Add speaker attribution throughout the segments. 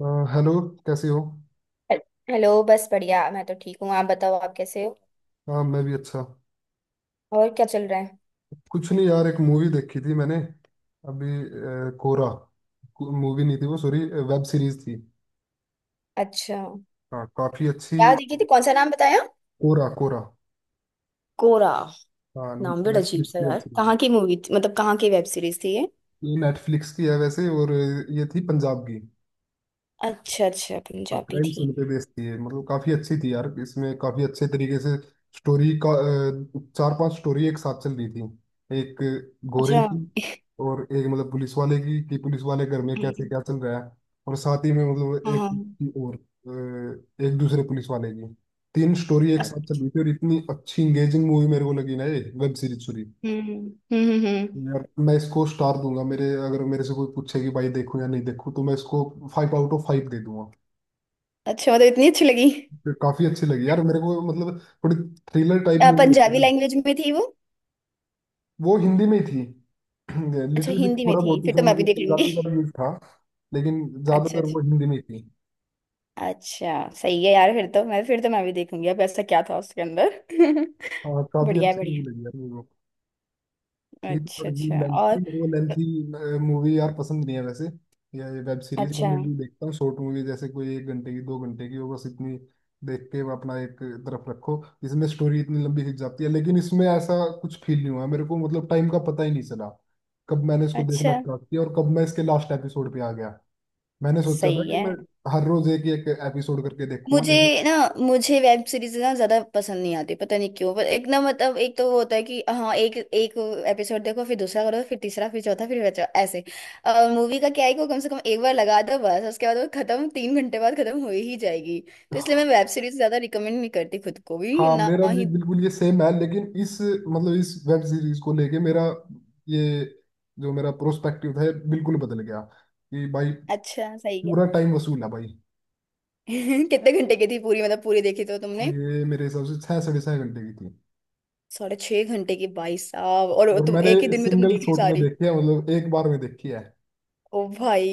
Speaker 1: अ, hello कैसे हो।
Speaker 2: हेल- हेलो। बस बढ़िया, मैं तो ठीक हूँ। आप बताओ, आप कैसे हो?
Speaker 1: हाँ मैं भी अच्छा।
Speaker 2: और क्या चल रहा है?
Speaker 1: कुछ नहीं यार, एक मूवी देखी थी मैंने अभी। कोरा। मूवी नहीं थी वो, सॉरी, वेब सीरीज थी।
Speaker 2: अच्छा।
Speaker 1: हाँ काफी अच्छी।
Speaker 2: क्या देखी थी? कौन सा नाम बताया?
Speaker 1: कोरा कोरा।
Speaker 2: कोरा?
Speaker 1: हाँ
Speaker 2: नाम बड़ा अजीब
Speaker 1: नेटफ्लिक्स
Speaker 2: सा
Speaker 1: की वेब
Speaker 2: यार।
Speaker 1: सीरीज
Speaker 2: कहाँ की मूवी थी, मतलब कहाँ की वेब सीरीज थी ये?
Speaker 1: है, ये नेटफ्लिक्स की है वैसे। और ये थी पंजाब की।
Speaker 2: अच्छा अच्छा,
Speaker 1: हाँ
Speaker 2: पंजाबी
Speaker 1: क्राइम सीन
Speaker 2: थी?
Speaker 1: पे बेस्ड थी ये, मतलब काफी अच्छी थी यार। इसमें काफी अच्छे तरीके से स्टोरी का चार पांच स्टोरी एक साथ चल रही थी। एक गोरे
Speaker 2: अच्छा।
Speaker 1: की, और एक मतलब पुलिस वाले की, कि पुलिस वाले घर में कैसे
Speaker 2: हम्म।
Speaker 1: क्या चल रहा है। और साथ ही में मतलब एक
Speaker 2: हाँ।
Speaker 1: की, और एक दूसरे पुलिस वाले की। तीन स्टोरी एक
Speaker 2: अ-
Speaker 1: साथ चल रही थी, और इतनी अच्छी इंगेजिंग मूवी मेरे को लगी ना ये, वेब सीरीज, सॉरी।
Speaker 2: हम्म हम्म हम्म हम्म।
Speaker 1: यार मैं इसको स्टार दूंगा मेरे, अगर मेरे से कोई पूछे कि भाई देखूं या नहीं देखूं तो मैं इसको फाइव आउट ऑफ फाइव दे दूंगा।
Speaker 2: अच्छा, मतलब इतनी अच्छी लगी?
Speaker 1: फिर काफी अच्छी लगी यार मेरे को, मतलब थोड़ी थ्रिलर टाइप मूवी होती है
Speaker 2: पंजाबी
Speaker 1: ना।
Speaker 2: लैंग्वेज में थी वो?
Speaker 1: वो हिंदी में ही थी।
Speaker 2: अच्छा,
Speaker 1: लिटिल बिट
Speaker 2: हिंदी में
Speaker 1: थोड़ा
Speaker 2: थी,
Speaker 1: बहुत
Speaker 2: फिर
Speaker 1: उसमें
Speaker 2: तो मैं भी
Speaker 1: मतलब
Speaker 2: देख लूंगी।
Speaker 1: पंजाबी का भी यूज था, लेकिन
Speaker 2: अच्छा
Speaker 1: ज्यादातर
Speaker 2: अच्छा।
Speaker 1: वो हिंदी में ही थी।
Speaker 2: अच्छा सही है यार। फिर तो मैं भी देखूंगी। अब ऐसा क्या था उसके अंदर?
Speaker 1: हाँ काफी
Speaker 2: बढ़िया है,
Speaker 1: अच्छी मूवी
Speaker 2: बढ़िया।
Speaker 1: लगी यार मेरे को। थी तो
Speaker 2: अच्छा
Speaker 1: थोड़ी
Speaker 2: अच्छा,
Speaker 1: लेंथी,
Speaker 2: और?
Speaker 1: वो लेंथी मूवी यार पसंद नहीं है वैसे, या ये वेब सीरीज। मैं
Speaker 2: अच्छा
Speaker 1: मूवी देखता हूँ शॉर्ट मूवी, जैसे कोई 1 घंटे की, 2 घंटे की, वो बस इतनी देख के वो अपना एक तरफ रखो। इसमें स्टोरी इतनी लंबी खिंच जाती है, लेकिन इसमें ऐसा कुछ फील नहीं हुआ मेरे को, मतलब टाइम का पता ही नहीं चला कब मैंने इसको देखना
Speaker 2: अच्छा
Speaker 1: स्टार्ट किया और कब मैं इसके लास्ट एपिसोड पे आ गया। मैंने सोचा था
Speaker 2: सही
Speaker 1: कि मैं
Speaker 2: है।
Speaker 1: हर रोज एक एक एपिसोड करके
Speaker 2: मुझे
Speaker 1: देखूंगा।
Speaker 2: ना, मुझे वेब सीरीज ना ज्यादा पसंद नहीं आती, पता नहीं क्यों। पर एक ना, मतलब एक तो वो होता है कि हाँ, एक एक एपिसोड देखो, फिर दूसरा करो, फिर तीसरा, फिर चौथा, फिर बचा ऐसे। और मूवी का क्या है कि वो कम से कम एक बार लगा दो, बस उसके बाद वो खत्म, 3 घंटे बाद खत्म हो ही जाएगी। तो इसलिए मैं वेब सीरीज ज्यादा रिकमेंड नहीं करती खुद को भी,
Speaker 1: हाँ
Speaker 2: ना
Speaker 1: मेरा भी
Speaker 2: ही।
Speaker 1: बिल्कुल ये सेम है, लेकिन इस, मतलब इस वेब सीरीज को लेके मेरा ये, जो मेरा प्रोस्पेक्टिव है बिल्कुल बदल गया कि भाई
Speaker 2: अच्छा सही है।
Speaker 1: पूरा टाइम वसूल है भाई।
Speaker 2: कितने घंटे की थी पूरी? मतलब पूरी देखी तो तुमने?
Speaker 1: ये मेरे हिसाब से 6 साढ़े 6 घंटे की थी,
Speaker 2: 6.5 घंटे की भाई साहब! और
Speaker 1: और
Speaker 2: तुम
Speaker 1: मैंने
Speaker 2: एक ही दिन में तुमने
Speaker 1: सिंगल
Speaker 2: देख ली
Speaker 1: शॉट में
Speaker 2: सारी?
Speaker 1: देखी है, मतलब एक बार में देखी है।
Speaker 2: ओ भाई!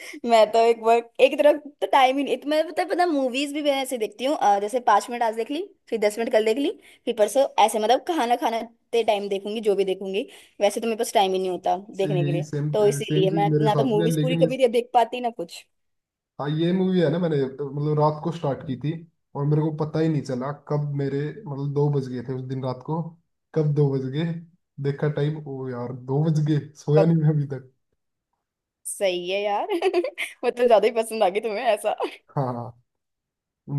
Speaker 2: मैं तो एक बार, एक तरफ तो टाइम ही नहीं, तो मैं पता पता मूवीज भी मैं ऐसे देखती हूँ। जैसे 5 मिनट आज देख ली, फिर 10 मिनट कल देख ली, फिर परसों ऐसे, मतलब खाना खाने टाइम देखूंगी जो भी देखूंगी। वैसे तो मेरे पास टाइम ही नहीं होता देखने के
Speaker 1: यही
Speaker 2: लिए,
Speaker 1: सेम,
Speaker 2: तो
Speaker 1: सेम
Speaker 2: इसीलिए
Speaker 1: चीज
Speaker 2: मैं
Speaker 1: मेरे
Speaker 2: ना तो
Speaker 1: साथ भी है
Speaker 2: मूवीज पूरी
Speaker 1: लेकिन
Speaker 2: कभी
Speaker 1: इस,
Speaker 2: देख पाती, ना कुछ।
Speaker 1: हाँ ये मूवी है ना, मैंने मतलब रात को स्टार्ट की थी और मेरे को पता ही नहीं चला कब मेरे, मतलब 2 बज गए थे उस दिन रात को। कब 2 बज गए, देखा टाइम, ओ यार 2 बज गए, सोया
Speaker 2: बट
Speaker 1: नहीं मैं अभी तक।
Speaker 2: सही है यार। मतलब ज्यादा ही पसंद आ गई तुम्हें ऐसा?
Speaker 1: हाँ हाँ।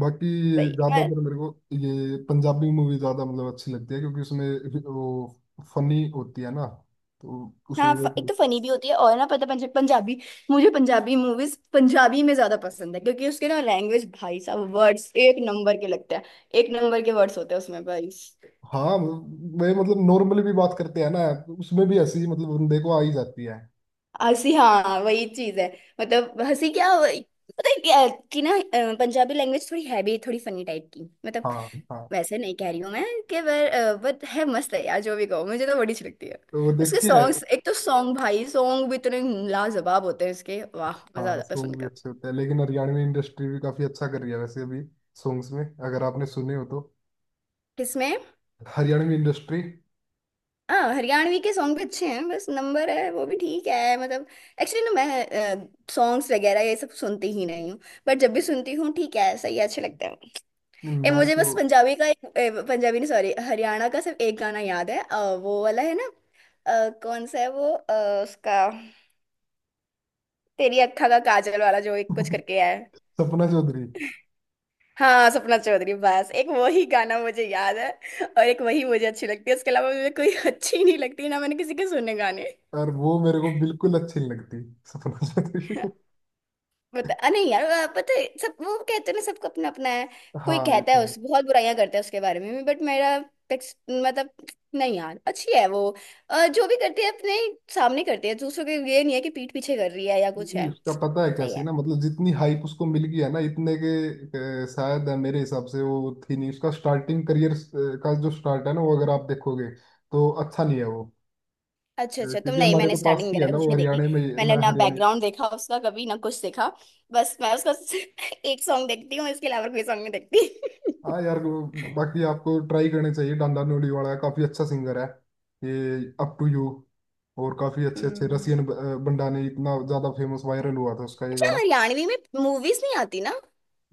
Speaker 1: बाकी
Speaker 2: सही है।
Speaker 1: ज्यादातर मेरे को ये पंजाबी मूवी ज्यादा मतलब अच्छी लगती है, क्योंकि उसमें वो फनी होती है ना, तो उस
Speaker 2: हाँ,
Speaker 1: वजह से
Speaker 2: एक
Speaker 1: थोड़ी-
Speaker 2: तो फनी भी होती है, और ना, पता, पंजाबी, मुझे पंजाबी मूवीज पंजाबी में ज्यादा पसंद है क्योंकि उसके ना लैंग्वेज, भाई साहब, वर्ड्स एक नंबर के लगते हैं। एक नंबर के वर्ड्स होते हैं उसमें भाई।
Speaker 1: हाँ वे मतलब नॉर्मली भी बात करते हैं ना, उसमें भी हंसी मतलब बंदे को आ ही जाती है।
Speaker 2: हंसी, हाँ वही चीज है। मतलब हंसी क्या, पता है क्या, कि ना, पंजाबी लैंग्वेज थोड़ी है भी, थोड़ी फनी टाइप की मतलब।
Speaker 1: हाँ हाँ,
Speaker 2: वैसे नहीं कह रही हूँ मैं कि वर, बट है, मस्त है यार, जो भी कहो, मुझे तो बड़ी अच्छी लगती है।
Speaker 1: तो वो
Speaker 2: उसके
Speaker 1: देखिए।
Speaker 2: सॉन्ग्स, एक तो सॉन्ग, भाई सॉन्ग भी इतने लाजवाब होते हैं इसके, वाह मजा
Speaker 1: हाँ
Speaker 2: आता है
Speaker 1: सॉन्ग भी
Speaker 2: सुनकर।
Speaker 1: अच्छे होते हैं, लेकिन हरियाणवी इंडस्ट्री भी काफी अच्छा कर रही है वैसे अभी सॉन्ग्स में, अगर आपने सुने हो तो।
Speaker 2: किसमें?
Speaker 1: हरियाणवी इंडस्ट्री।
Speaker 2: हाँ, हरियाणवी के सॉन्ग भी अच्छे हैं, बस नंबर है, वो भी ठीक है मतलब। एक्चुअली ना, मैं सॉन्ग्स वगैरह ये सब सुनती ही नहीं हूँ। बट जब भी सुनती हूँ, ठीक है सही है, अच्छे लगते हैं। ए,
Speaker 1: मैं
Speaker 2: मुझे बस
Speaker 1: तो
Speaker 2: पंजाबी का एक, ए, पंजाबी नहीं सॉरी, हरियाणा का सिर्फ एक गाना याद है, वो वाला है ना, कौन सा है वो, उसका, तेरी अक्खा का काजल वाला, जो एक कुछ करके है।
Speaker 1: सपना चौधरी,
Speaker 2: हाँ सपना चौधरी, बस एक वही गाना मुझे याद है। और एक वही मुझे अच्छी लगती है, उसके अलावा मुझे कोई अच्छी नहीं लगती, ना मैंने किसी के सुने गाने।
Speaker 1: और वो मेरे को बिल्कुल अच्छी नहीं लगती, सपना चौधरी।
Speaker 2: बता, नहीं यार, पता है, सब वो कहते हैं ना, सबका अपना अपना है। कोई
Speaker 1: हाँ ये
Speaker 2: कहता है
Speaker 1: तो है।
Speaker 2: उस बहुत बुराइयां करता है उसके बारे में, बट मेरा मतलब, नहीं यार अच्छी है वो, जो भी करती है अपने सामने करती है, दूसरों के, ये नहीं है कि पीठ पीछे कर रही है या कुछ
Speaker 1: नहीं,
Speaker 2: है,
Speaker 1: उसका पता है क्या
Speaker 2: सही है।
Speaker 1: सीन है, मतलब जितनी हाइप उसको मिल गई है ना, इतने के शायद मेरे हिसाब से वो थी नहीं। उसका स्टार्टिंग करियर का जो स्टार्ट है ना, वो अगर आप देखोगे तो अच्छा नहीं है वो.
Speaker 2: अच्छा अच्छा, तुम
Speaker 1: क्योंकि
Speaker 2: नहीं,
Speaker 1: हमारे
Speaker 2: मैंने
Speaker 1: तो पास
Speaker 2: स्टार्टिंग
Speaker 1: की है
Speaker 2: वगैरह
Speaker 1: ना
Speaker 2: कुछ
Speaker 1: वो,
Speaker 2: नहीं देखी,
Speaker 1: हरियाणा में। मैं
Speaker 2: मैंने ना
Speaker 1: हरियाणा,
Speaker 2: बैकग्राउंड देखा उसका कभी ना कुछ देखा। बस मैं उसका एक सॉन्ग देखती हूँ, इसके अलावा कोई सॉन्ग नहीं देखती।
Speaker 1: हाँ यार वो- बाकी आपको ट्राई करने चाहिए, डांडा न्यूली वाला काफी अच्छा सिंगर है ये, अप टू यू। और काफी अच्छे अच्छे
Speaker 2: हम्म।
Speaker 1: रसियन बंडा ने इतना ज्यादा फेमस वायरल हुआ था उसका ये
Speaker 2: अच्छा,
Speaker 1: गाना।
Speaker 2: हरियाणवी में मूवीज नहीं आती ना?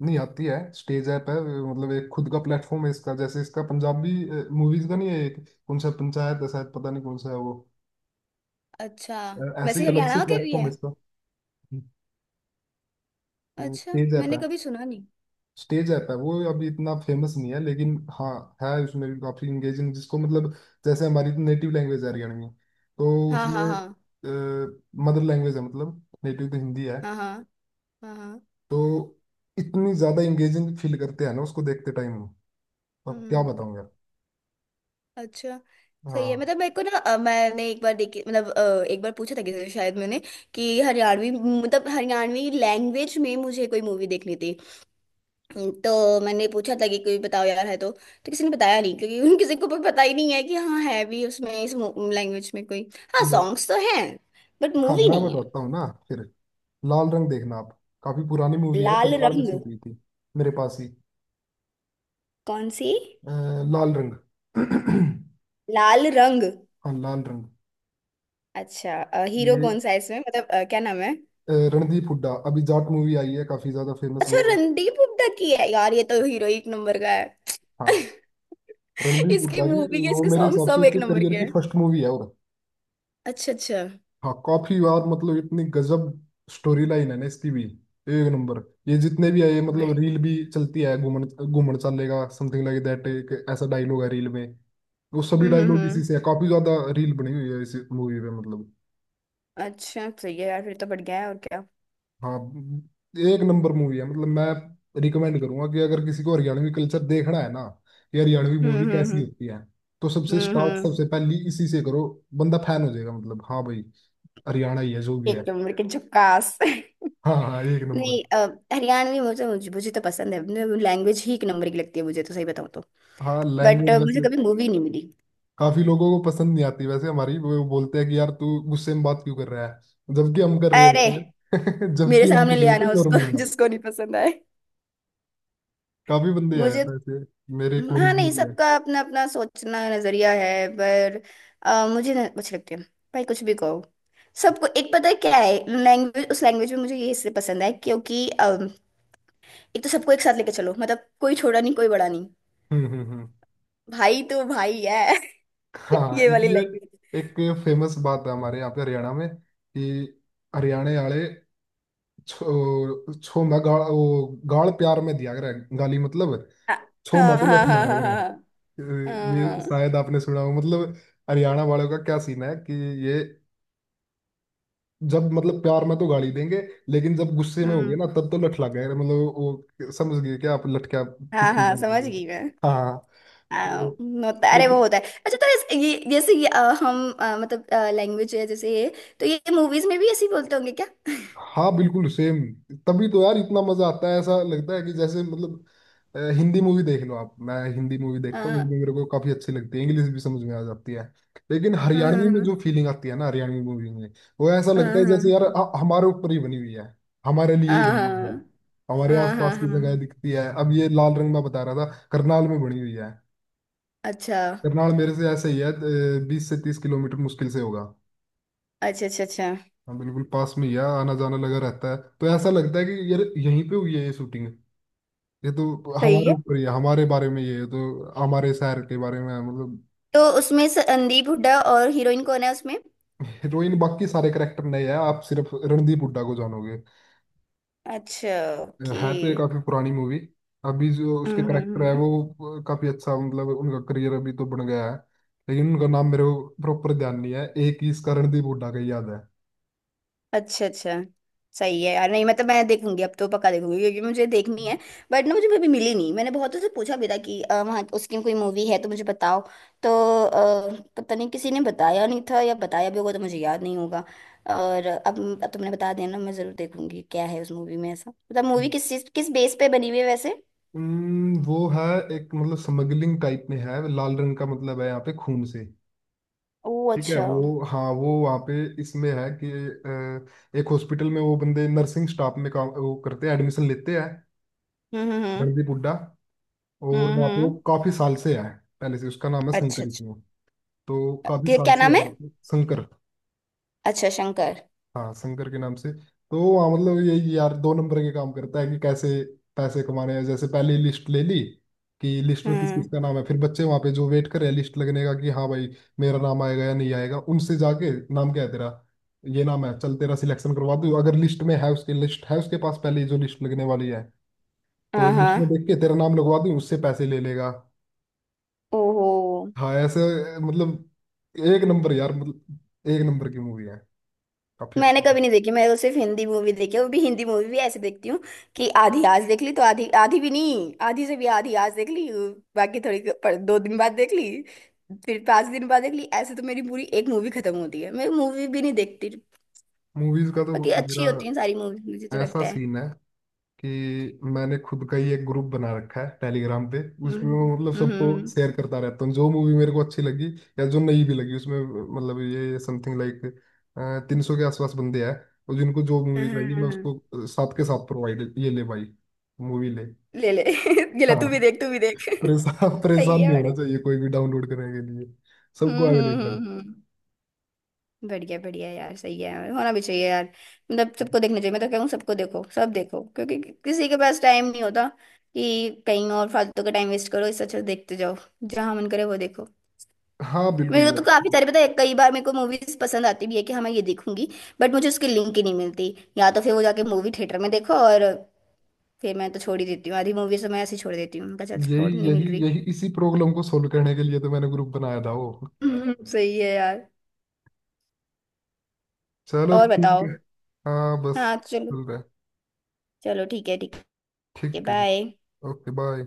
Speaker 1: नहीं आती है, स्टेज ऐप है, मतलब एक खुद का प्लेटफॉर्म है इसका, जैसे इसका पंजाबी मूवीज का नहीं है एक, कौन सा पंचायत है शायद, पता नहीं कौन सा है वो।
Speaker 2: अच्छा,
Speaker 1: ऐसे ही
Speaker 2: वैसे
Speaker 1: अलग से
Speaker 2: हरियाणा का भी
Speaker 1: प्लेटफॉर्म
Speaker 2: है?
Speaker 1: है इसका,
Speaker 2: अच्छा,
Speaker 1: स्टेज ऐप
Speaker 2: मैंने
Speaker 1: है।
Speaker 2: कभी सुना नहीं।
Speaker 1: स्टेज ऐप है वो, अभी इतना फेमस नहीं है लेकिन हाँ है, उसमें भी काफी इंगेजिंग जिसको, मतलब जैसे हमारी नेटिव लैंग्वेज है हरियाणवी, तो
Speaker 2: हाँ हाँ
Speaker 1: उसमें
Speaker 2: हाँ
Speaker 1: मदर लैंग्वेज है, मतलब नेटिव तो हिंदी है।
Speaker 2: हाँ हाँ। हाँ हाँ।
Speaker 1: तो इतनी ज्यादा इंगेजिंग फील करते हैं ना उसको देखते टाइम। अब क्या
Speaker 2: हम्म।
Speaker 1: बताऊं यार।
Speaker 2: अच्छा सही है
Speaker 1: हाँ
Speaker 2: मतलब। मेरे को ना, मैंने एक बार देखी, मतलब एक बार पूछा था किसी से शायद मैंने, कि हरियाणवी, मतलब हरियाणवी लैंग्वेज में मुझे कोई मूवी देखनी थी। तो मैंने पूछा था कि कोई बताओ यार है तो किसी ने बताया नहीं, क्योंकि उन किसी को भी पता ही नहीं है कि हाँ है भी उसमें इस लैंग्वेज में कोई। हाँ,
Speaker 1: लो-
Speaker 2: सॉन्ग्स तो हैं बट
Speaker 1: हाँ
Speaker 2: मूवी
Speaker 1: मैं
Speaker 2: नहीं है।
Speaker 1: बताता हूँ ना फिर, लाल रंग देखना आप, काफी पुरानी मूवी है,
Speaker 2: लाल
Speaker 1: करनाल में
Speaker 2: रंग?
Speaker 1: शूट हुई थी, मेरे पास ही।
Speaker 2: कौन सी?
Speaker 1: अ, लाल रंग।
Speaker 2: लाल रंग।
Speaker 1: हाँ लाल
Speaker 2: अच्छा, हीरो
Speaker 1: रंग।
Speaker 2: कौन सा है इसमें, मतलब क्या नाम है?
Speaker 1: रणदीप हुड्डा, अभी जाट मूवी आई है काफी ज्यादा फेमस
Speaker 2: अच्छा,
Speaker 1: वो।
Speaker 2: रणदीप हुड्डा की है यार, ये तो हीरो एक नंबर का है।
Speaker 1: हाँ रणदीप
Speaker 2: इसकी
Speaker 1: हुड्डा की,
Speaker 2: मूवी के,
Speaker 1: वो
Speaker 2: इसके
Speaker 1: मेरे
Speaker 2: सॉन्ग
Speaker 1: हिसाब से
Speaker 2: सब एक
Speaker 1: उसके
Speaker 2: नंबर
Speaker 1: करियर
Speaker 2: के
Speaker 1: की
Speaker 2: हैं।
Speaker 1: फर्स्ट मूवी है। और
Speaker 2: अच्छा अच्छा,
Speaker 1: हाँ काफी बार, मतलब इतनी गजब स्टोरी लाइन है ना इसकी भी, एक नंबर। ये जितने भी आए मतलब
Speaker 2: और-
Speaker 1: रील भी चलती है, घूमन घूमन चलेगा समथिंग लाइक दैट, एक ऐसा डायलॉग है रील में, वो सभी डायलॉग इसी
Speaker 2: हम्म।
Speaker 1: से है, काफी ज्यादा रील बनी हुई है इस मूवी में मतलब।
Speaker 2: अच्छा सही है यार, फिर तो बढ़ गया है। और क्या।
Speaker 1: हाँ एक नंबर मूवी है, मतलब मैं रिकमेंड करूंगा कि अगर किसी को हरियाणवी कल्चर देखना है ना, कि हरियाणवी
Speaker 2: हम्म
Speaker 1: मूवी
Speaker 2: हम्म
Speaker 1: कैसी
Speaker 2: हम्म
Speaker 1: होती है, तो सबसे
Speaker 2: हम्म
Speaker 1: स्टार्ट
Speaker 2: हम्म।
Speaker 1: सबसे पहली इसी से करो। बंदा फैन हो जाएगा मतलब, हाँ भाई हरियाणा ही है जो भी है।
Speaker 2: एक नंबर के, झकास।
Speaker 1: हाँ हाँ एक नंबर।
Speaker 2: नहीं, हरियाणवी मुझे, मुझे तो पसंद है। लैंग्वेज ही एक नंबर की लगती है मुझे तो, सही बताऊँ तो।
Speaker 1: हाँ
Speaker 2: बट
Speaker 1: लैंग्वेज
Speaker 2: मुझे
Speaker 1: वैसे
Speaker 2: कभी मूवी नहीं मिली।
Speaker 1: काफी लोगों को पसंद नहीं आती वैसे हमारी, वो बोलते हैं कि यार तू गुस्से में बात क्यों कर रहा है, जबकि हम कर रहे
Speaker 2: अरे,
Speaker 1: होते हैं
Speaker 2: मेरे
Speaker 1: जबकि हम
Speaker 2: सामने
Speaker 1: कर
Speaker 2: ले
Speaker 1: रहे होते
Speaker 2: आना
Speaker 1: हैं
Speaker 2: उसको
Speaker 1: नॉर्मल बात।
Speaker 2: जिसको नहीं पसंद आए,
Speaker 1: काफी बंदे आए
Speaker 2: मुझे।
Speaker 1: हैं ऐसे, मेरे
Speaker 2: हाँ,
Speaker 1: कॉलेज में
Speaker 2: नहीं
Speaker 1: भी है।
Speaker 2: सबका अपना अपना सोचना, नजरिया है पर। मुझे अच्छे लगते हैं। भाई कुछ भी कहो। सबको एक, पता है क्या है लैंग्वेज, उस लैंग्वेज में मुझे ये इसलिए पसंद है क्योंकि एक तो सबको एक साथ लेके चलो, मतलब कोई छोटा नहीं कोई बड़ा नहीं।
Speaker 1: हम्म।
Speaker 2: भाई तो भाई है।
Speaker 1: हाँ
Speaker 2: ये वाली
Speaker 1: इसमें
Speaker 2: लैंग्वेज।
Speaker 1: एक फेमस बात है हमारे यहाँ पे हरियाणा में कि हरियाणा वाले छो छो मैं गाल, वो गाल प्यार में दिया करे, गाली मतलब,
Speaker 2: हाँ
Speaker 1: छो मैं
Speaker 2: हाँ
Speaker 1: तो
Speaker 2: हाँ
Speaker 1: लठ
Speaker 2: हाँ
Speaker 1: मारा
Speaker 2: हाँ।
Speaker 1: करे।
Speaker 2: हाँ
Speaker 1: ये
Speaker 2: हाँ।
Speaker 1: शायद आपने सुना हो मतलब, हरियाणा वालों का क्या सीन है कि ये जब मतलब प्यार में तो गाली देंगे, लेकिन जब गुस्से में हो गए
Speaker 2: हम्म।
Speaker 1: ना, तब तो लठ लग गए, मतलब वो समझ गए कि आप लठ क्या
Speaker 2: हाँ
Speaker 1: किस चीज
Speaker 2: हाँ
Speaker 1: में बोल
Speaker 2: समझ
Speaker 1: रहे
Speaker 2: गई मैं।
Speaker 1: हो। हाँ, तो
Speaker 2: होता, अरे वो होता है। अच्छा, तो ये जैसे ये, हम, मतलब लैंग्वेज है, जैसे ये तो ये मूवीज में भी ऐसे ही बोलते होंगे।
Speaker 1: हाँ बिल्कुल सेम, तभी तो यार इतना मजा आता है, ऐसा लगता है कि जैसे मतलब हिंदी मूवी देख लो आप, मैं हिंदी मूवी देखता हूँ
Speaker 2: क्या।
Speaker 1: वो भी मेरे को काफी अच्छी लगती है, इंग्लिश भी समझ में आ जाती है, लेकिन
Speaker 2: हाँ
Speaker 1: हरियाणवी में
Speaker 2: हाँ
Speaker 1: जो फीलिंग आती है ना हरियाणवी मूवी में, वो ऐसा लगता है
Speaker 2: हाँ
Speaker 1: जैसे यार हमारे ऊपर ही बनी हुई है, हमारे लिए ही
Speaker 2: हाँ
Speaker 1: बनी हुई
Speaker 2: हाँ
Speaker 1: है, हमारे
Speaker 2: हाँ हाँ
Speaker 1: आसपास की जगह
Speaker 2: हाँ।
Speaker 1: दिखती है। अब ये लाल रंग में बता रहा था, करनाल में बनी हुई है,
Speaker 2: अच्छा
Speaker 1: करनाल मेरे से ऐसे ही है, 20 से 30 किलोमीटर मुश्किल से होगा।
Speaker 2: अच्छा अच्छा अच्छा
Speaker 1: हाँ बिल्कुल पास में ही है, आना जाना लगा रहता है, तो ऐसा लगता है कि यार यहीं पे हुई है ये शूटिंग, ये तो
Speaker 2: सही
Speaker 1: हमारे
Speaker 2: है।
Speaker 1: ऊपर ही है, हमारे बारे में ये है, तो हमारे शहर के बारे में है, मतलब।
Speaker 2: तो उसमें संदीप हुड्डा और हीरोइन कौन है उसमें?
Speaker 1: हीरोइन बाकी सारे करेक्टर नए हैं, आप सिर्फ रणदीप हुड्डा को जानोगे,
Speaker 2: अच्छा, ओके।
Speaker 1: है तो ये काफी पुरानी मूवी। अभी जो उसके
Speaker 2: हम्म, हम्म,
Speaker 1: करेक्टर है
Speaker 2: हम्म।
Speaker 1: वो काफी अच्छा, मतलब उनका करियर अभी तो बन गया है, लेकिन उनका नाम मेरे को प्रॉपर ध्यान नहीं है, एक ही इसका रणदीप हुड्डा का ही याद है।
Speaker 2: अच्छा अच्छा सही है यार, नहीं मतलब मैं देखूंगी अब, तो पक्का देखूंगी क्योंकि मुझे देखनी है। बट ना मुझे कभी मिली नहीं, मैंने बहुतों से पूछा भी था कि वहाँ उसकी कोई मूवी है तो मुझे बताओ तो। पता नहीं, किसी ने बताया नहीं था, या बताया भी होगा तो मुझे याद नहीं होगा। और अब तुमने बता दिया ना, मैं जरूर देखूंगी। क्या है उस मूवी में ऐसा, मतलब मूवी किस चीज, किस बेस पे बनी हुई है वैसे?
Speaker 1: वो है एक मतलब स्मगलिंग टाइप में है, लाल रंग का मतलब है यहाँ पे खून से,
Speaker 2: ओ
Speaker 1: ठीक है
Speaker 2: अच्छा, हम्म।
Speaker 1: वो। हाँ वो वहाँ पे, इसमें है कि एक हॉस्पिटल में वो बंदे नर्सिंग स्टाफ में काम वो करते हैं, एडमिशन लेते हैं,
Speaker 2: हम्म हम्म
Speaker 1: रणदीप हुड्डा। और वहाँ पे वो
Speaker 2: हम्म
Speaker 1: काफी साल से है, पहले से, उसका नाम है
Speaker 2: अच्छा
Speaker 1: शंकर ही
Speaker 2: अच्छा।
Speaker 1: वो, तो काफी
Speaker 2: क्या
Speaker 1: साल
Speaker 2: क्या
Speaker 1: से
Speaker 2: नाम
Speaker 1: है
Speaker 2: है?
Speaker 1: वहाँ पे शंकर।
Speaker 2: अच्छा शंकर।
Speaker 1: हाँ शंकर के नाम से। तो वो हाँ मतलब यही यार दो नंबर के काम करता है कि कैसे पैसे कमाने हैं, जैसे पहले लिस्ट ले ली कि लिस्ट में किस
Speaker 2: हम्म।
Speaker 1: किस का नाम है, फिर बच्चे वहां पे जो वेट कर रहे हैं लिस्ट लगने का कि हाँ भाई मेरा नाम आएगा या नहीं आएगा, उनसे जाके नाम क्या है तेरा, ये नाम है, चल तेरा सिलेक्शन करवा दूँ, अगर लिस्ट में है, उसकी लिस्ट है उसके पास पहले ही जो लिस्ट लगने वाली है, तो
Speaker 2: हाँ
Speaker 1: लिस्ट में
Speaker 2: हाँ।
Speaker 1: देख के तेरा नाम लगवा दूँ, उससे पैसे ले लेगा।
Speaker 2: ओहो।
Speaker 1: हाँ ऐसे, मतलब एक नंबर यार, मतलब एक नंबर की मूवी है काफी
Speaker 2: मैंने
Speaker 1: अच्छी।
Speaker 2: कभी नहीं देखी, मैं तो सिर्फ हिंदी मूवी देखी है, वो भी हिंदी मूवी भी ऐसे देखती हूँ, कि आधी आज देख ली, तो आधी, आधी भी नहीं, आधी से भी आधी आज देख ली, बाकी थोड़ी पर 2 दिन बाद देख ली, फिर 5 दिन बाद देख ली, ऐसे तो मेरी पूरी एक मूवी खत्म होती है, मैं मूवी भी नहीं देखती।
Speaker 1: मूवीज का तो
Speaker 2: बाकी अच्छी
Speaker 1: मेरा
Speaker 2: होती है सारी मूवी, मुझे तो
Speaker 1: ऐसा
Speaker 2: लगता है।
Speaker 1: सीन है कि मैंने खुद का ही एक ग्रुप बना रखा है टेलीग्राम पे, उसमें
Speaker 2: हम्म
Speaker 1: मैं मतलब सबको
Speaker 2: हम्म।
Speaker 1: शेयर करता रहता हूँ जो मूवी मेरे को अच्छी लगी या जो नहीं भी लगी उसमें, मतलब ये समथिंग लाइक 300 के आसपास बंदे हैं, और जिनको जो
Speaker 2: हाँ,
Speaker 1: मूवी
Speaker 2: हाँ,
Speaker 1: चाहिए
Speaker 2: हाँ,
Speaker 1: मैं
Speaker 2: हाँ।
Speaker 1: उसको साथ के साथ प्रोवाइड, ये ले भाई मूवी ले।
Speaker 2: ले ले, ये ले, तू भी
Speaker 1: हाँ
Speaker 2: देख, तू भी देख।
Speaker 1: परेशान
Speaker 2: सही
Speaker 1: परेशान
Speaker 2: है
Speaker 1: नहीं होना
Speaker 2: बड़े।
Speaker 1: चाहिए कोई भी डाउनलोड करने के लिए, सबको
Speaker 2: हम्म हम्म
Speaker 1: अवेलेबल।
Speaker 2: हम्म हम्म। बढ़िया बढ़िया यार, सही है, होना भी चाहिए यार। मतलब सबको देखना चाहिए, मैं तो कहूँ सबको देखो, सब देखो, क्योंकि किसी के पास टाइम नहीं होता कि कहीं और फालतू का टाइम वेस्ट करो, इससे अच्छा देखते जाओ, जहां मन करे वो देखो।
Speaker 1: हाँ बिल्कुल
Speaker 2: मेरे को तो
Speaker 1: यार।
Speaker 2: काफी सारे पता है, कई बार मेरे को मूवीज पसंद आती भी है कि हाँ मैं ये देखूंगी, बट मुझे उसकी लिंक ही नहीं मिलती, या तो फिर वो जाके मूवी थिएटर में देखो, और फिर मैं तो छोड़ ही देती हूँ आधी मूवी से, मैं ऐसे ही छोड़ देती हूँ, मैं कहा, चल
Speaker 1: यही
Speaker 2: छोड़, नहीं
Speaker 1: यही
Speaker 2: मिल रही।
Speaker 1: यही इसी प्रॉब्लम को सोल्व करने के लिए तो मैंने ग्रुप बनाया था वो।
Speaker 2: सही है यार।
Speaker 1: चलो
Speaker 2: और
Speaker 1: ठीक।
Speaker 2: बताओ?
Speaker 1: हाँ बस
Speaker 2: हाँ चलो।
Speaker 1: चल रहा है।
Speaker 2: चलो ठीक है, ठीक है
Speaker 1: ठीक है जी।
Speaker 2: बाय।
Speaker 1: Okay bye.